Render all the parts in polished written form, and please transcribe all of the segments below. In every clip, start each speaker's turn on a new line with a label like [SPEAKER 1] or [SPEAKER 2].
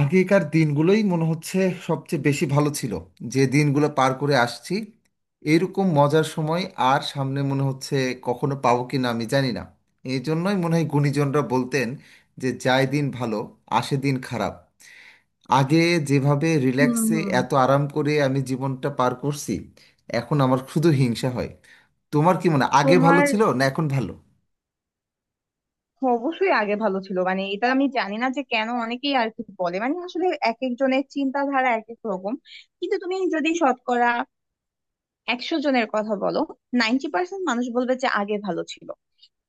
[SPEAKER 1] আগেকার দিনগুলোই মনে হচ্ছে সবচেয়ে বেশি ভালো ছিল, যে দিনগুলো পার করে আসছি এইরকম মজার সময়। আর সামনে মনে হচ্ছে কখনো পাবো কি না আমি জানি না। এই জন্যই মনে হয় গুণীজনরা বলতেন যে যায় দিন ভালো আসে দিন খারাপ। আগে যেভাবে
[SPEAKER 2] হুম
[SPEAKER 1] রিল্যাক্সে
[SPEAKER 2] হুম।
[SPEAKER 1] এত আরাম করে আমি জীবনটা পার করছি এখন আমার শুধু হিংসা হয়। তোমার কি মনে হয় আগে ভালো
[SPEAKER 2] তোমার
[SPEAKER 1] ছিল না এখন ভালো?
[SPEAKER 2] অবশ্যই আগে ভালো ছিল। মানে, এটা আমি জানি না যে কেন অনেকেই আর কি বলে, মানে আসলে এক একজনের চিন্তাধারা এক এক রকম। কিন্তু তুমি যদি শতকরা 100 জনের কথা বলো, 90% মানুষ বলবে যে আগে ভালো ছিল।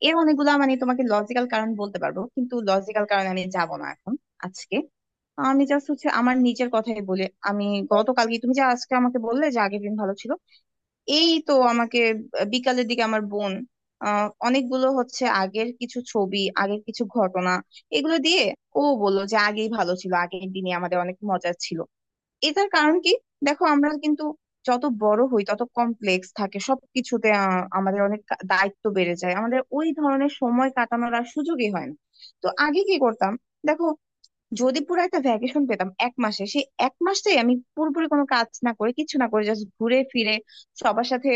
[SPEAKER 2] এর অনেকগুলা মানে তোমাকে লজিক্যাল কারণ বলতে পারবো, কিন্তু লজিক্যাল কারণে আমি যাব না এখন। আজকে আমি জাস্ট হচ্ছে আমার নিজের কথাই বলি। আমি গতকালকে, তুমি যে আজকে আমাকে বললে যে আগের দিন ভালো ছিল, এই তো আমাকে বিকালের দিকে আমার বোন, অনেকগুলো হচ্ছে আগের কিছু ছবি, আগের কিছু ঘটনা, এগুলো দিয়ে ও বললো যে আগেই ভালো ছিল, আগের দিনে আমাদের অনেক মজা ছিল। এটার কারণ কি? দেখো, আমরা কিন্তু যত বড় হই তত কমপ্লেক্স থাকে সবকিছুতে। আমাদের অনেক দায়িত্ব বেড়ে যায়, আমাদের ওই ধরনের সময় কাটানোর আর সুযোগই হয় না। তো আগে কি করতাম? দেখো, যদি পুরো একটা ভ্যাকেশন পেতাম 1 মাসে, সেই 1 মাসটাই আমি পুরোপুরি কোনো কাজ না করে, কিছু না করে, জাস্ট ঘুরে ফিরে সবার সাথে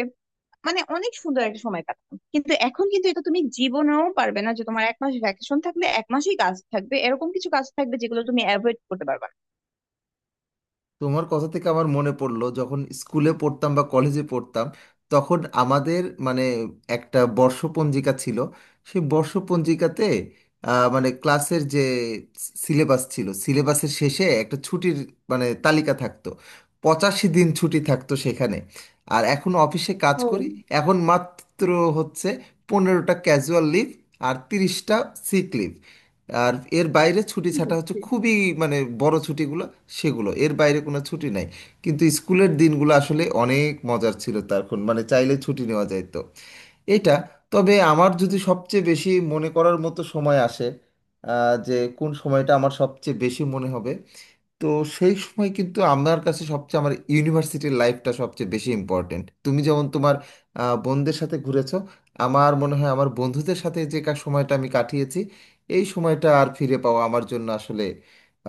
[SPEAKER 2] মানে অনেক সুন্দর একটা সময় কাটাতাম। কিন্তু এখন কিন্তু এটা তুমি জীবনেও পারবে না যে তোমার 1 মাস ভ্যাকেশন থাকলে 1 মাসেই কাজ থাকবে, এরকম কিছু কাজ থাকবে যেগুলো তুমি অ্যাভয়েড করতে পারবে না।
[SPEAKER 1] তোমার কথা থেকে আমার মনে পড়লো, যখন স্কুলে পড়তাম বা কলেজে পড়তাম তখন আমাদের মানে একটা বর্ষপঞ্জিকা ছিল। সেই বর্ষপঞ্জিকাতে মানে ক্লাসের যে সিলেবাস ছিল, সিলেবাসের শেষে একটা ছুটির মানে তালিকা থাকতো। 85 দিন ছুটি থাকতো সেখানে। আর এখন অফিসে কাজ
[SPEAKER 2] ও,
[SPEAKER 1] করি। এখন মাত্র হচ্ছে 15টা ক্যাজুয়াল লিভ আর 30টা সিক লিভ। আর এর বাইরে ছুটি ছাটা হচ্ছে
[SPEAKER 2] বুঝছি।
[SPEAKER 1] খুবই মানে বড় ছুটিগুলো, সেগুলো এর বাইরে কোনো ছুটি নাই। কিন্তু স্কুলের দিনগুলো আসলে অনেক মজার ছিল, তখন মানে চাইলে ছুটি নেওয়া যায় তো এটা। তবে আমার যদি সবচেয়ে বেশি মনে করার মতো সময় আসে, যে কোন সময়টা আমার সবচেয়ে বেশি মনে হবে তো সেই সময়, কিন্তু আমার কাছে সবচেয়ে আমার ইউনিভার্সিটির লাইফটা সবচেয়ে বেশি ইম্পর্টেন্ট। তুমি যেমন তোমার বন্ধুদের সাথে ঘুরেছো, আমার মনে হয় আমার বন্ধুদের সাথে যে সময়টা আমি কাটিয়েছি এই সময়টা আর ফিরে পাওয়া আমার জন্য আসলে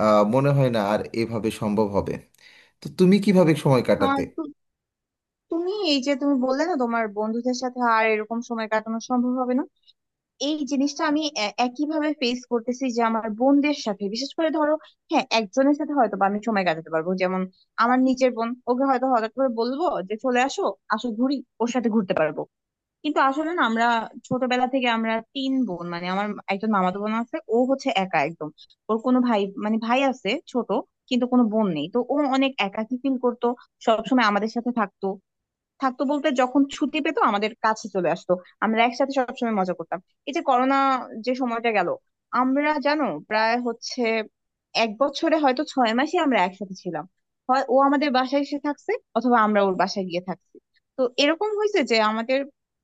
[SPEAKER 1] মনে হয় না আর এভাবে সম্ভব হবে। তো তুমি কিভাবে সময় কাটাতে?
[SPEAKER 2] আর তুমি, এই যে তুমি বললে না তোমার বন্ধুদের সাথে আর এরকম সময় কাটানো সম্ভব হবে না, এই জিনিসটা আমি একইভাবে ফেস করতেছি যে আমার বোনদের সাথে। বিশেষ করে ধরো, হ্যাঁ, একজনের সাথে হয়তো বা আমি সময় কাটাতে পারবো, যেমন আমার নিজের বোন, ওকে হয়তো হঠাৎ করে বলবো যে চলে আসো, আসো ঘুরি, ওর সাথে ঘুরতে পারবো। কিন্তু আসলে না, আমরা ছোটবেলা থেকে আমরা 3 বোন, মানে আমার একজন মামাতো বোন আছে, ও হচ্ছে একা একদম। ওর কোনো ভাই, মানে ভাই আছে ছোট, কিন্তু কোনো বোন নেই, তো ও অনেক একাকী ফিল করতো। সবসময় আমাদের সাথে থাকতো। থাকতো বলতে, যখন ছুটি পেতো আমাদের কাছে চলে আসতো। আমরা একসাথে সবসময় মজা করতাম। এই যে করোনা, যে সময়টা গেল, আমরা জানো প্রায় হচ্ছে 1 বছরে হয়তো 6 মাসই আমরা একসাথে ছিলাম। হয় ও আমাদের বাসায় এসে থাকছে, অথবা আমরা ওর বাসায় গিয়ে থাকছি। তো এরকম হয়েছে যে আমাদের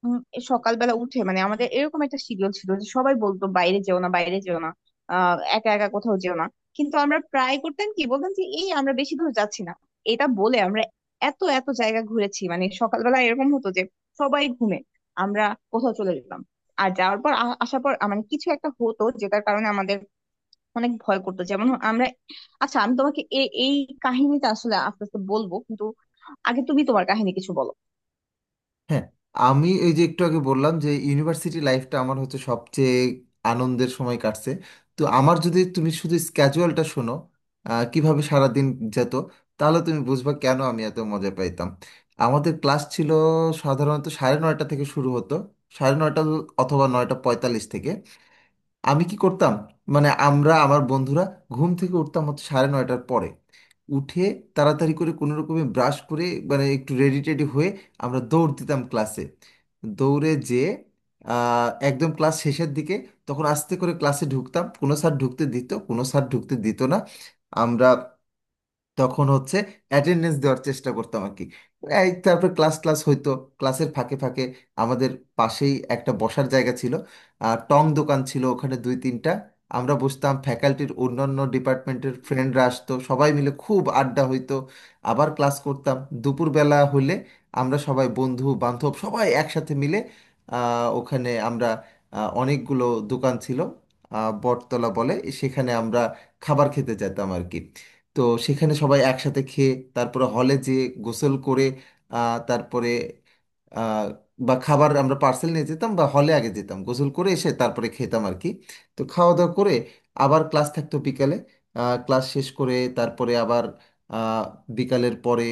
[SPEAKER 2] উম, সকালবেলা উঠে, মানে আমাদের এরকম একটা শিডিউল ছিল যে সবাই বলতো বাইরে যেও না, বাইরে যেও না, একা একা কোথাও যেও না। কিন্তু আমরা প্রায় করতাম কি, বলতাম যে এই আমরা বেশি দূর যাচ্ছি না, এটা বলে আমরা এত এত জায়গা ঘুরেছি। মানে সকালবেলা এরকম হতো যে সবাই ঘুমে, আমরা কোথাও চলে যেতাম। আর যাওয়ার পর আসার পর, মানে কিছু একটা হতো যেটার কারণে আমাদের অনেক ভয় করতো, যেমন আমরা। আচ্ছা, আমি তোমাকে এই কাহিনীটা আসলে আস্তে আস্তে বলবো, কিন্তু আগে তুমি তোমার কাহিনী কিছু বলো।
[SPEAKER 1] হ্যাঁ, আমি এই যে একটু আগে বললাম যে ইউনিভার্সিটি লাইফটা আমার হচ্ছে সবচেয়ে আনন্দের সময় কাটছে। তো আমার যদি তুমি শুধু স্ক্যাজুয়ালটা শোনো কিভাবে সারাদিন যেত, তাহলে তুমি বুঝবা কেন আমি এত মজা পাইতাম। আমাদের ক্লাস ছিল সাধারণত 9:30 থেকে শুরু হতো, 9:30 অথবা 9:45 থেকে। আমি কি করতাম মানে আমরা, আমার বন্ধুরা ঘুম থেকে উঠতাম হচ্ছে 9:30-এর পরে। উঠে তাড়াতাড়ি করে কোনো রকমে ব্রাশ করে মানে একটু রেডি টেডি হয়ে আমরা দৌড় দিতাম ক্লাসে। দৌড়ে যেয়ে একদম ক্লাস শেষের দিকে তখন আস্তে করে ক্লাসে ঢুকতাম, কোনো স্যার ঢুকতে দিত কোনো স্যার ঢুকতে দিত না। আমরা তখন হচ্ছে অ্যাটেন্ডেন্স দেওয়ার চেষ্টা করতাম আর কি। এই তারপর ক্লাস ক্লাস হইতো। ক্লাসের ফাঁকে ফাঁকে আমাদের পাশেই একটা বসার জায়গা ছিল, আর টং দোকান ছিল ওখানে দুই তিনটা। আমরা বসতাম, ফ্যাকাল্টির অন্যান্য ডিপার্টমেন্টের ফ্রেন্ডরা আসতো, সবাই মিলে খুব আড্ডা হইতো। আবার ক্লাস করতাম। দুপুরবেলা হলে আমরা সবাই বন্ধু বান্ধব সবাই একসাথে মিলে ওখানে আমরা, অনেকগুলো দোকান ছিল বটতলা বলে, সেখানে আমরা খাবার খেতে যেতাম আর কি। তো সেখানে সবাই একসাথে খেয়ে তারপরে হলে যে গোসল করে তারপরে, আহ, বা খাবার আমরা পার্সেল নিয়ে যেতাম বা হলে আগে যেতাম গোসল করে এসে তারপরে খেতাম আর কি। তো খাওয়া দাওয়া করে আবার ক্লাস থাকতো বিকালে। ক্লাস শেষ করে তারপরে আবার আহ, বিকালের পরে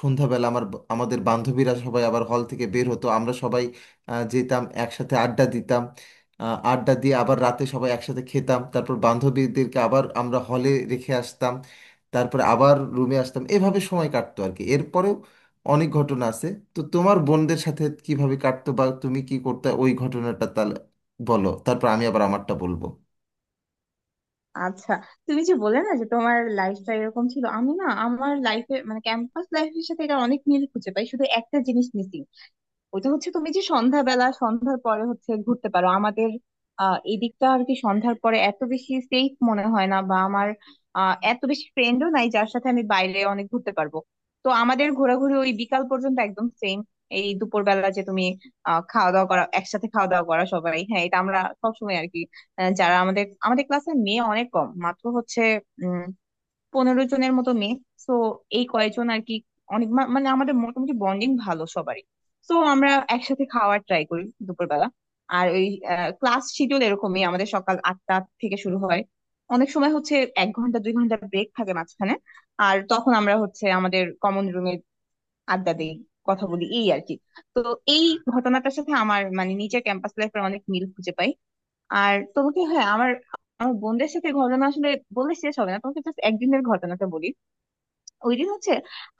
[SPEAKER 1] সন্ধ্যাবেলা আমার, আমাদের বান্ধবীরা সবাই আবার হল থেকে বের হতো, আমরা সবাই যেতাম একসাথে আড্ডা দিতাম। আড্ডা দিয়ে আবার রাতে সবাই একসাথে খেতাম, তারপর বান্ধবীদেরকে আবার আমরা হলে রেখে আসতাম। তারপরে আবার রুমে আসতাম, এভাবে সময় কাটতো আর কি। এরপরেও অনেক ঘটনা আছে। তো তোমার বোনদের সাথে কিভাবে কাটতো বা তুমি কি করতে, ওই ঘটনাটা তাহলে বলো, তারপর আমি আবার আমারটা বলবো।
[SPEAKER 2] আচ্ছা, তুমি যে বলে না যে তোমার লাইফটা এরকম ছিল, আমি না আমার লাইফে মানে ক্যাম্পাস লাইফের সাথে এটা অনেক মিল খুঁজে পাই, শুধু একটা জিনিস মিসিং। ওইটা হচ্ছে তুমি যে সন্ধ্যাবেলা, সন্ধ্যার পরে হচ্ছে ঘুরতে পারো, আমাদের এদিকটা আর কি সন্ধ্যার পরে এত বেশি সেফ মনে হয় না। বা আমার এত বেশি ফ্রেন্ডও নাই যার সাথে আমি বাইরে অনেক ঘুরতে পারবো। তো আমাদের ঘোরাঘুরি ওই বিকাল পর্যন্ত একদম সেম। এই দুপুরবেলা যে তুমি খাওয়া দাওয়া করা, একসাথে খাওয়া দাওয়া করা সবাই, হ্যাঁ এটা আমরা সবসময় আর কি। যারা আমাদের, আমাদের ক্লাসের মেয়ে অনেক কম, মাত্র হচ্ছে 15 জনের মতো মেয়ে। তো এই কয়েকজন আর কি। অনেক মানে আমাদের মোটামুটি বন্ডিং ভালো সবারই। তো আমরা একসাথে খাওয়ার ট্রাই করি দুপুরবেলা। আর ওই ক্লাস শিডিউল এরকমই আমাদের, সকাল 8টা থেকে শুরু হয়। অনেক সময় হচ্ছে 1 ঘন্টা, 2 ঘন্টা ব্রেক থাকে মাঝখানে, আর তখন আমরা হচ্ছে আমাদের কমন রুমে আড্ডা দিই, কথা বলি, এই আর কি। তো এই ঘটনাটার সাথে আমার মানে নিজের ক্যাম্পাস লাইফের অনেক মিল খুঁজে পাই। আর তোমাকে, হ্যাঁ আমার, আমার বোনদের সাথে ঘটনা আসলে বলে শেষ হবে না, তোমাকে জাস্ট একদিনের ঘটনাটা বলি। ওই দিন হচ্ছে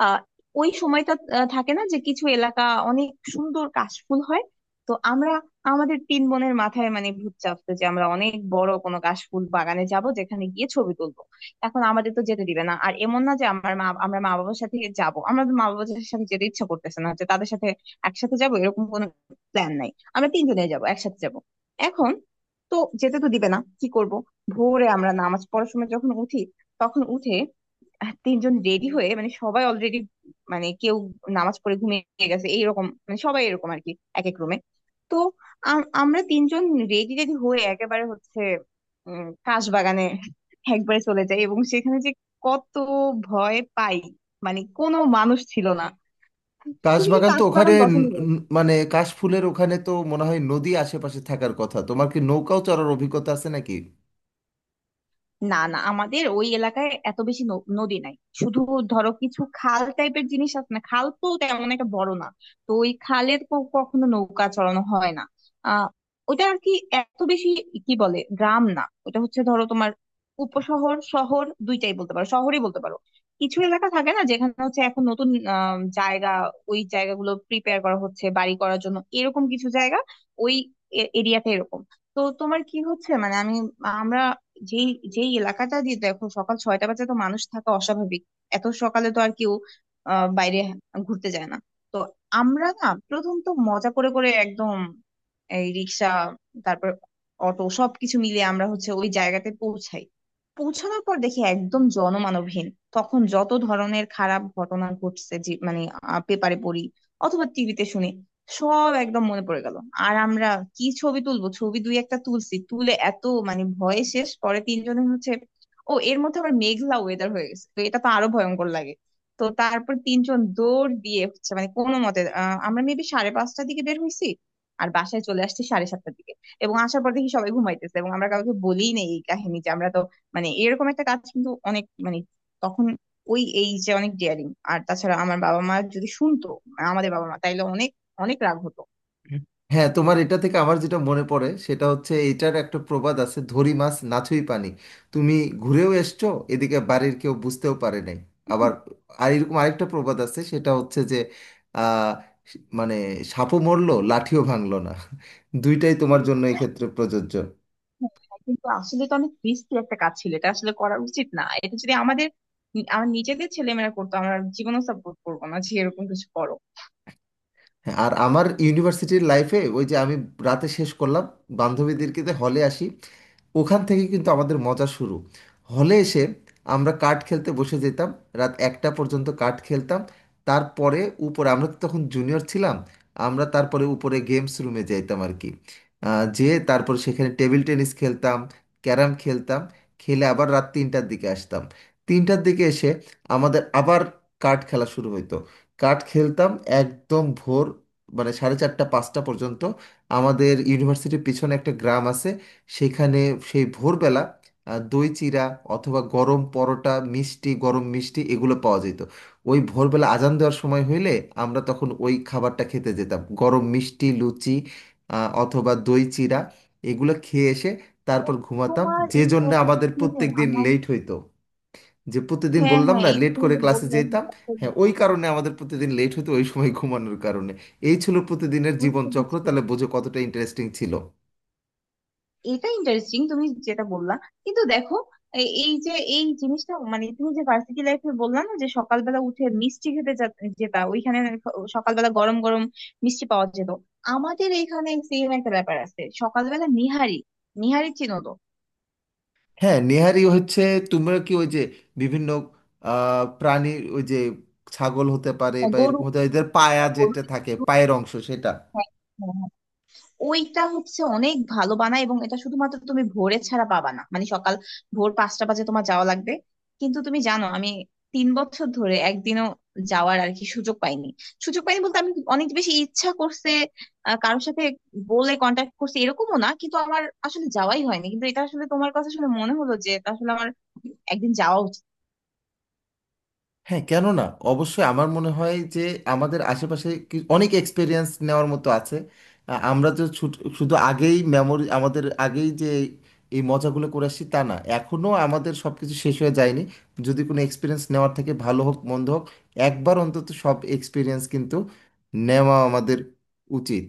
[SPEAKER 2] আহ ওই সময়টা, থাকে না যে কিছু এলাকা অনেক সুন্দর কাশফুল হয়। তো আমরা, আমাদের 3 বোনের মাথায় মানে ভূত চাপতো যে আমরা অনেক বড় কোনো কাশফুল বাগানে যাব, যেখানে গিয়ে ছবি তুলবো। এখন আমাদের তো যেতে দিবে না, আর এমন না যে আমার মা, আমরা মা বাবার সাথে যাব, আমরা মা বাবার সাথে যেতে ইচ্ছা করতেছে না যে তাদের সাথে একসাথে যাব, এরকম কোনো প্ল্যান নাই। আমরা 3 জনে যাব, একসাথে যাব এখন। তো যেতে তো দিবে না, কি করব? ভোরে আমরা নামাজ পড়ার সময় যখন উঠি, তখন উঠে 3 জন রেডি হয়ে, মানে সবাই অলরেডি, মানে কেউ নামাজ পড়ে ঘুমিয়ে গেছে এইরকম, মানে সবাই এরকম আর কি, এক এক রুমে। তো আমরা 3 জন রেডি রেডি হয়ে একেবারে হচ্ছে কাশ বাগানে একবারে চলে যাই, এবং সেখানে যে কত ভয় পাই, মানে কোনো মানুষ ছিল না। তুমি কি
[SPEAKER 1] কাশবাগান তো
[SPEAKER 2] কাশ
[SPEAKER 1] ওখানে
[SPEAKER 2] বাগান পছন্দ করো?
[SPEAKER 1] মানে কাশফুলের ওখানে তো মনে হয় নদী আশেপাশে থাকার কথা, তোমার কি নৌকাও চড়ার অভিজ্ঞতা আছে নাকি?
[SPEAKER 2] না না, আমাদের ওই এলাকায় এত বেশি নদী নাই, শুধু ধরো কিছু খাল টাইপের জিনিস আছে না, খাল তো তেমন একটা বড় না। তো ওই খালে কখনো নৌকা চড়ানো হয় না। আহ ওটা আর কি এত বেশি কি বলে, গ্রাম না ওটা, হচ্ছে ধরো তোমার উপশহর, শহর দুইটাই বলতে পারো, শহরই বলতে পারো। কিছু এলাকা থাকে না যেখানে হচ্ছে এখন নতুন জায়গা, ওই জায়গাগুলো প্রিপেয়ার করা হচ্ছে বাড়ি করার জন্য, এরকম কিছু জায়গা। ওই এরিয়াতে এরকম। তো তোমার কি হচ্ছে, মানে আমি, আমরা যেই, যেই এলাকাটা দিয়ে, দেখো সকাল 6টা বাজে তো মানুষ থাকা অস্বাভাবিক, এত সকালে তো আর কেউ বাইরে ঘুরতে যায় না। তো আমরা না প্রথম তো মজা করে করে একদম, এই রিক্সা, তারপর অটো, সবকিছু মিলিয়ে আমরা হচ্ছে ওই জায়গাতে পৌঁছাই। পৌঁছানোর পর দেখি একদম জনমানবহীন। তখন যত ধরনের খারাপ ঘটনা ঘটছে যে, মানে পেপারে পড়ি অথবা টিভিতে শুনি, সব একদম মনে পড়ে গেল। আর আমরা কি ছবি তুলবো, ছবি দুই একটা তুলছি, তুলে এত মানে ভয়ে শেষ। পরে 3 জনে হচ্ছে, ও এর মধ্যে আবার মেঘলা ওয়েদার হয়ে গেছে তো এটা তো আরো ভয়ঙ্কর লাগে। তো তারপর 3 জন দৌড় দিয়ে হচ্ছে মানে কোনো মতে, আমরা মেবি 5:30-এর দিকে বের হয়েছি আর বাসায় চলে আসছি 7:30-এর দিকে। এবং আসার পর দেখি সবাই ঘুমাইতেছে, এবং আমরা কাউকে বলিই নেই এই কাহিনী। যে আমরা তো মানে এরকম একটা কাজ, কিন্তু অনেক মানে তখন ওই, এই যে অনেক ডেয়ারিং। আর তাছাড়া আমার বাবা মা যদি শুনতো, আমাদের বাবা মা, তাইলে অনেক অনেক রাগ হতো।
[SPEAKER 1] হ্যাঁ, তোমার এটা থেকে আমার যেটা মনে পড়ে সেটা হচ্ছে এটার একটা প্রবাদ আছে, ধরি মাছ নাথুই পানি। তুমি ঘুরেও এসছো এদিকে বাড়ির কেউ বুঝতেও পারে নাই। আবার আর এরকম আরেকটা প্রবাদ আছে, সেটা হচ্ছে যে আহ, মানে সাপও মরলো লাঠিও ভাঙলো না। দুইটাই তোমার জন্য এক্ষেত্রে প্রযোজ্য।
[SPEAKER 2] হ্যাঁ, কিন্তু আসলে তো অনেক রিস্কি একটা কাজ ছিল, এটা আসলে করা উচিত না। এটা যদি আমাদের, আমার নিজেদের ছেলেমেয়েরা করতো, আমরা জীবনও সাপোর্ট করবো না যে এরকম কিছু করো।
[SPEAKER 1] হ্যাঁ, আর আমার ইউনিভার্সিটির লাইফে ওই যে আমি রাতে শেষ করলাম বান্ধবীদেরকে হলে আসি, ওখান থেকে কিন্তু আমাদের মজা শুরু। হলে এসে আমরা কার্ড খেলতে বসে যেতাম, রাত 1টা পর্যন্ত কার্ড খেলতাম। তারপরে উপরে, আমরা তো তখন জুনিয়র ছিলাম, আমরা তারপরে উপরে গেমস রুমে যাইতাম আর কি। যেয়ে তারপর সেখানে টেবিল টেনিস খেলতাম, ক্যারাম খেলতাম। খেলে আবার রাত 3টার দিকে আসতাম, 3টার দিকে এসে আমাদের আবার কার্ড খেলা শুরু হইতো। কার্ড খেলতাম একদম ভোর মানে 4:30 5টা পর্যন্ত। আমাদের ইউনিভার্সিটির পিছনে একটা গ্রাম আছে, সেখানে সেই ভোরবেলা দই চিরা অথবা গরম পরোটা মিষ্টি গরম মিষ্টি এগুলো পাওয়া যেত। ওই ভোরবেলা আজান দেওয়ার সময় হইলে আমরা তখন ওই খাবারটা খেতে যেতাম গরম মিষ্টি লুচি অথবা দই চিরা। এগুলো খেয়ে এসে
[SPEAKER 2] ও,
[SPEAKER 1] তারপর ঘুমাতাম।
[SPEAKER 2] তোমার
[SPEAKER 1] যে
[SPEAKER 2] এই
[SPEAKER 1] জন্য
[SPEAKER 2] কথাটা
[SPEAKER 1] আমাদের
[SPEAKER 2] শুনে
[SPEAKER 1] প্রত্যেক দিন
[SPEAKER 2] আমার।
[SPEAKER 1] লেট হইতো, যে প্রতিদিন
[SPEAKER 2] হ্যাঁ
[SPEAKER 1] বললাম
[SPEAKER 2] হ্যাঁ,
[SPEAKER 1] না
[SPEAKER 2] এই যে
[SPEAKER 1] লেট
[SPEAKER 2] তুমি
[SPEAKER 1] করে
[SPEAKER 2] যে
[SPEAKER 1] ক্লাসে
[SPEAKER 2] বললে
[SPEAKER 1] যেতাম।
[SPEAKER 2] হঠাৎ করে।
[SPEAKER 1] হ্যাঁ, ওই কারণে আমাদের প্রতিদিন লেট হতো, ওই সময় ঘুমানোর কারণে। এই ছিল প্রতিদিনের
[SPEAKER 2] বুঝতে
[SPEAKER 1] জীবনচক্র,
[SPEAKER 2] পারছি।
[SPEAKER 1] তাহলে বোঝো কতটা ইন্টারেস্টিং ছিল।
[SPEAKER 2] এটা ইন্টারেস্টিং তুমি যেটা বললা, কিন্তু দেখো এই যে এই জিনিসটা, মানে তুমি যে ভার্সিটি লাইফে বললা না যে সকালবেলা উঠে মিষ্টি খেতে যেতা, ওইখানে সকালবেলা গরম গরম মিষ্টি পাওয়া যেত, আমাদের এখানে সেম একটা ব্যাপার আছে সকালবেলা নিহারি। নিহারি চিনো তো?
[SPEAKER 1] হ্যাঁ, নেহারি হচ্ছে তোমরা কি ওই যে বিভিন্ন প্রাণীর ওই যে ছাগল হতে পারে বা
[SPEAKER 2] গরু,
[SPEAKER 1] এরকম হতে পারে, এদের পায়া যেটা থাকে পায়ের অংশ সেটা?
[SPEAKER 2] গরু। ওইটা হচ্ছে অনেক ভালো বানায়, এবং এটা শুধুমাত্র তুমি ভোরে ছাড়া পাবা না, মানে সকাল, ভোর 5টা বাজে তোমার যাওয়া লাগবে। কিন্তু তুমি জানো, আমি 3 বছর ধরে একদিনও যাওয়ার আর কি সুযোগ পাইনি। সুযোগ পাইনি বলতে, আমি অনেক বেশি ইচ্ছা করছে, কারোর সাথে বলে কন্ট্যাক্ট করছে এরকমও না, কিন্তু আমার আসলে যাওয়াই হয়নি। কিন্তু এটা আসলে তোমার কথা শুনে মনে হলো যে এটা আসলে আমার একদিন যাওয়া উচিত।
[SPEAKER 1] হ্যাঁ, কেন না, অবশ্যই আমার মনে হয় যে আমাদের আশেপাশে অনেক এক্সপিরিয়েন্স নেওয়ার মতো আছে। আমরা তো শুধু আগেই মেমোরি, আমাদের আগেই যে এই মজাগুলো করে আসছি তা না, এখনও আমাদের সব কিছু শেষ হয়ে যায়নি। যদি কোনো এক্সপিরিয়েন্স নেওয়ার, থেকে ভালো হোক মন্দ হোক একবার অন্তত সব এক্সপিরিয়েন্স কিন্তু নেওয়া আমাদের উচিত।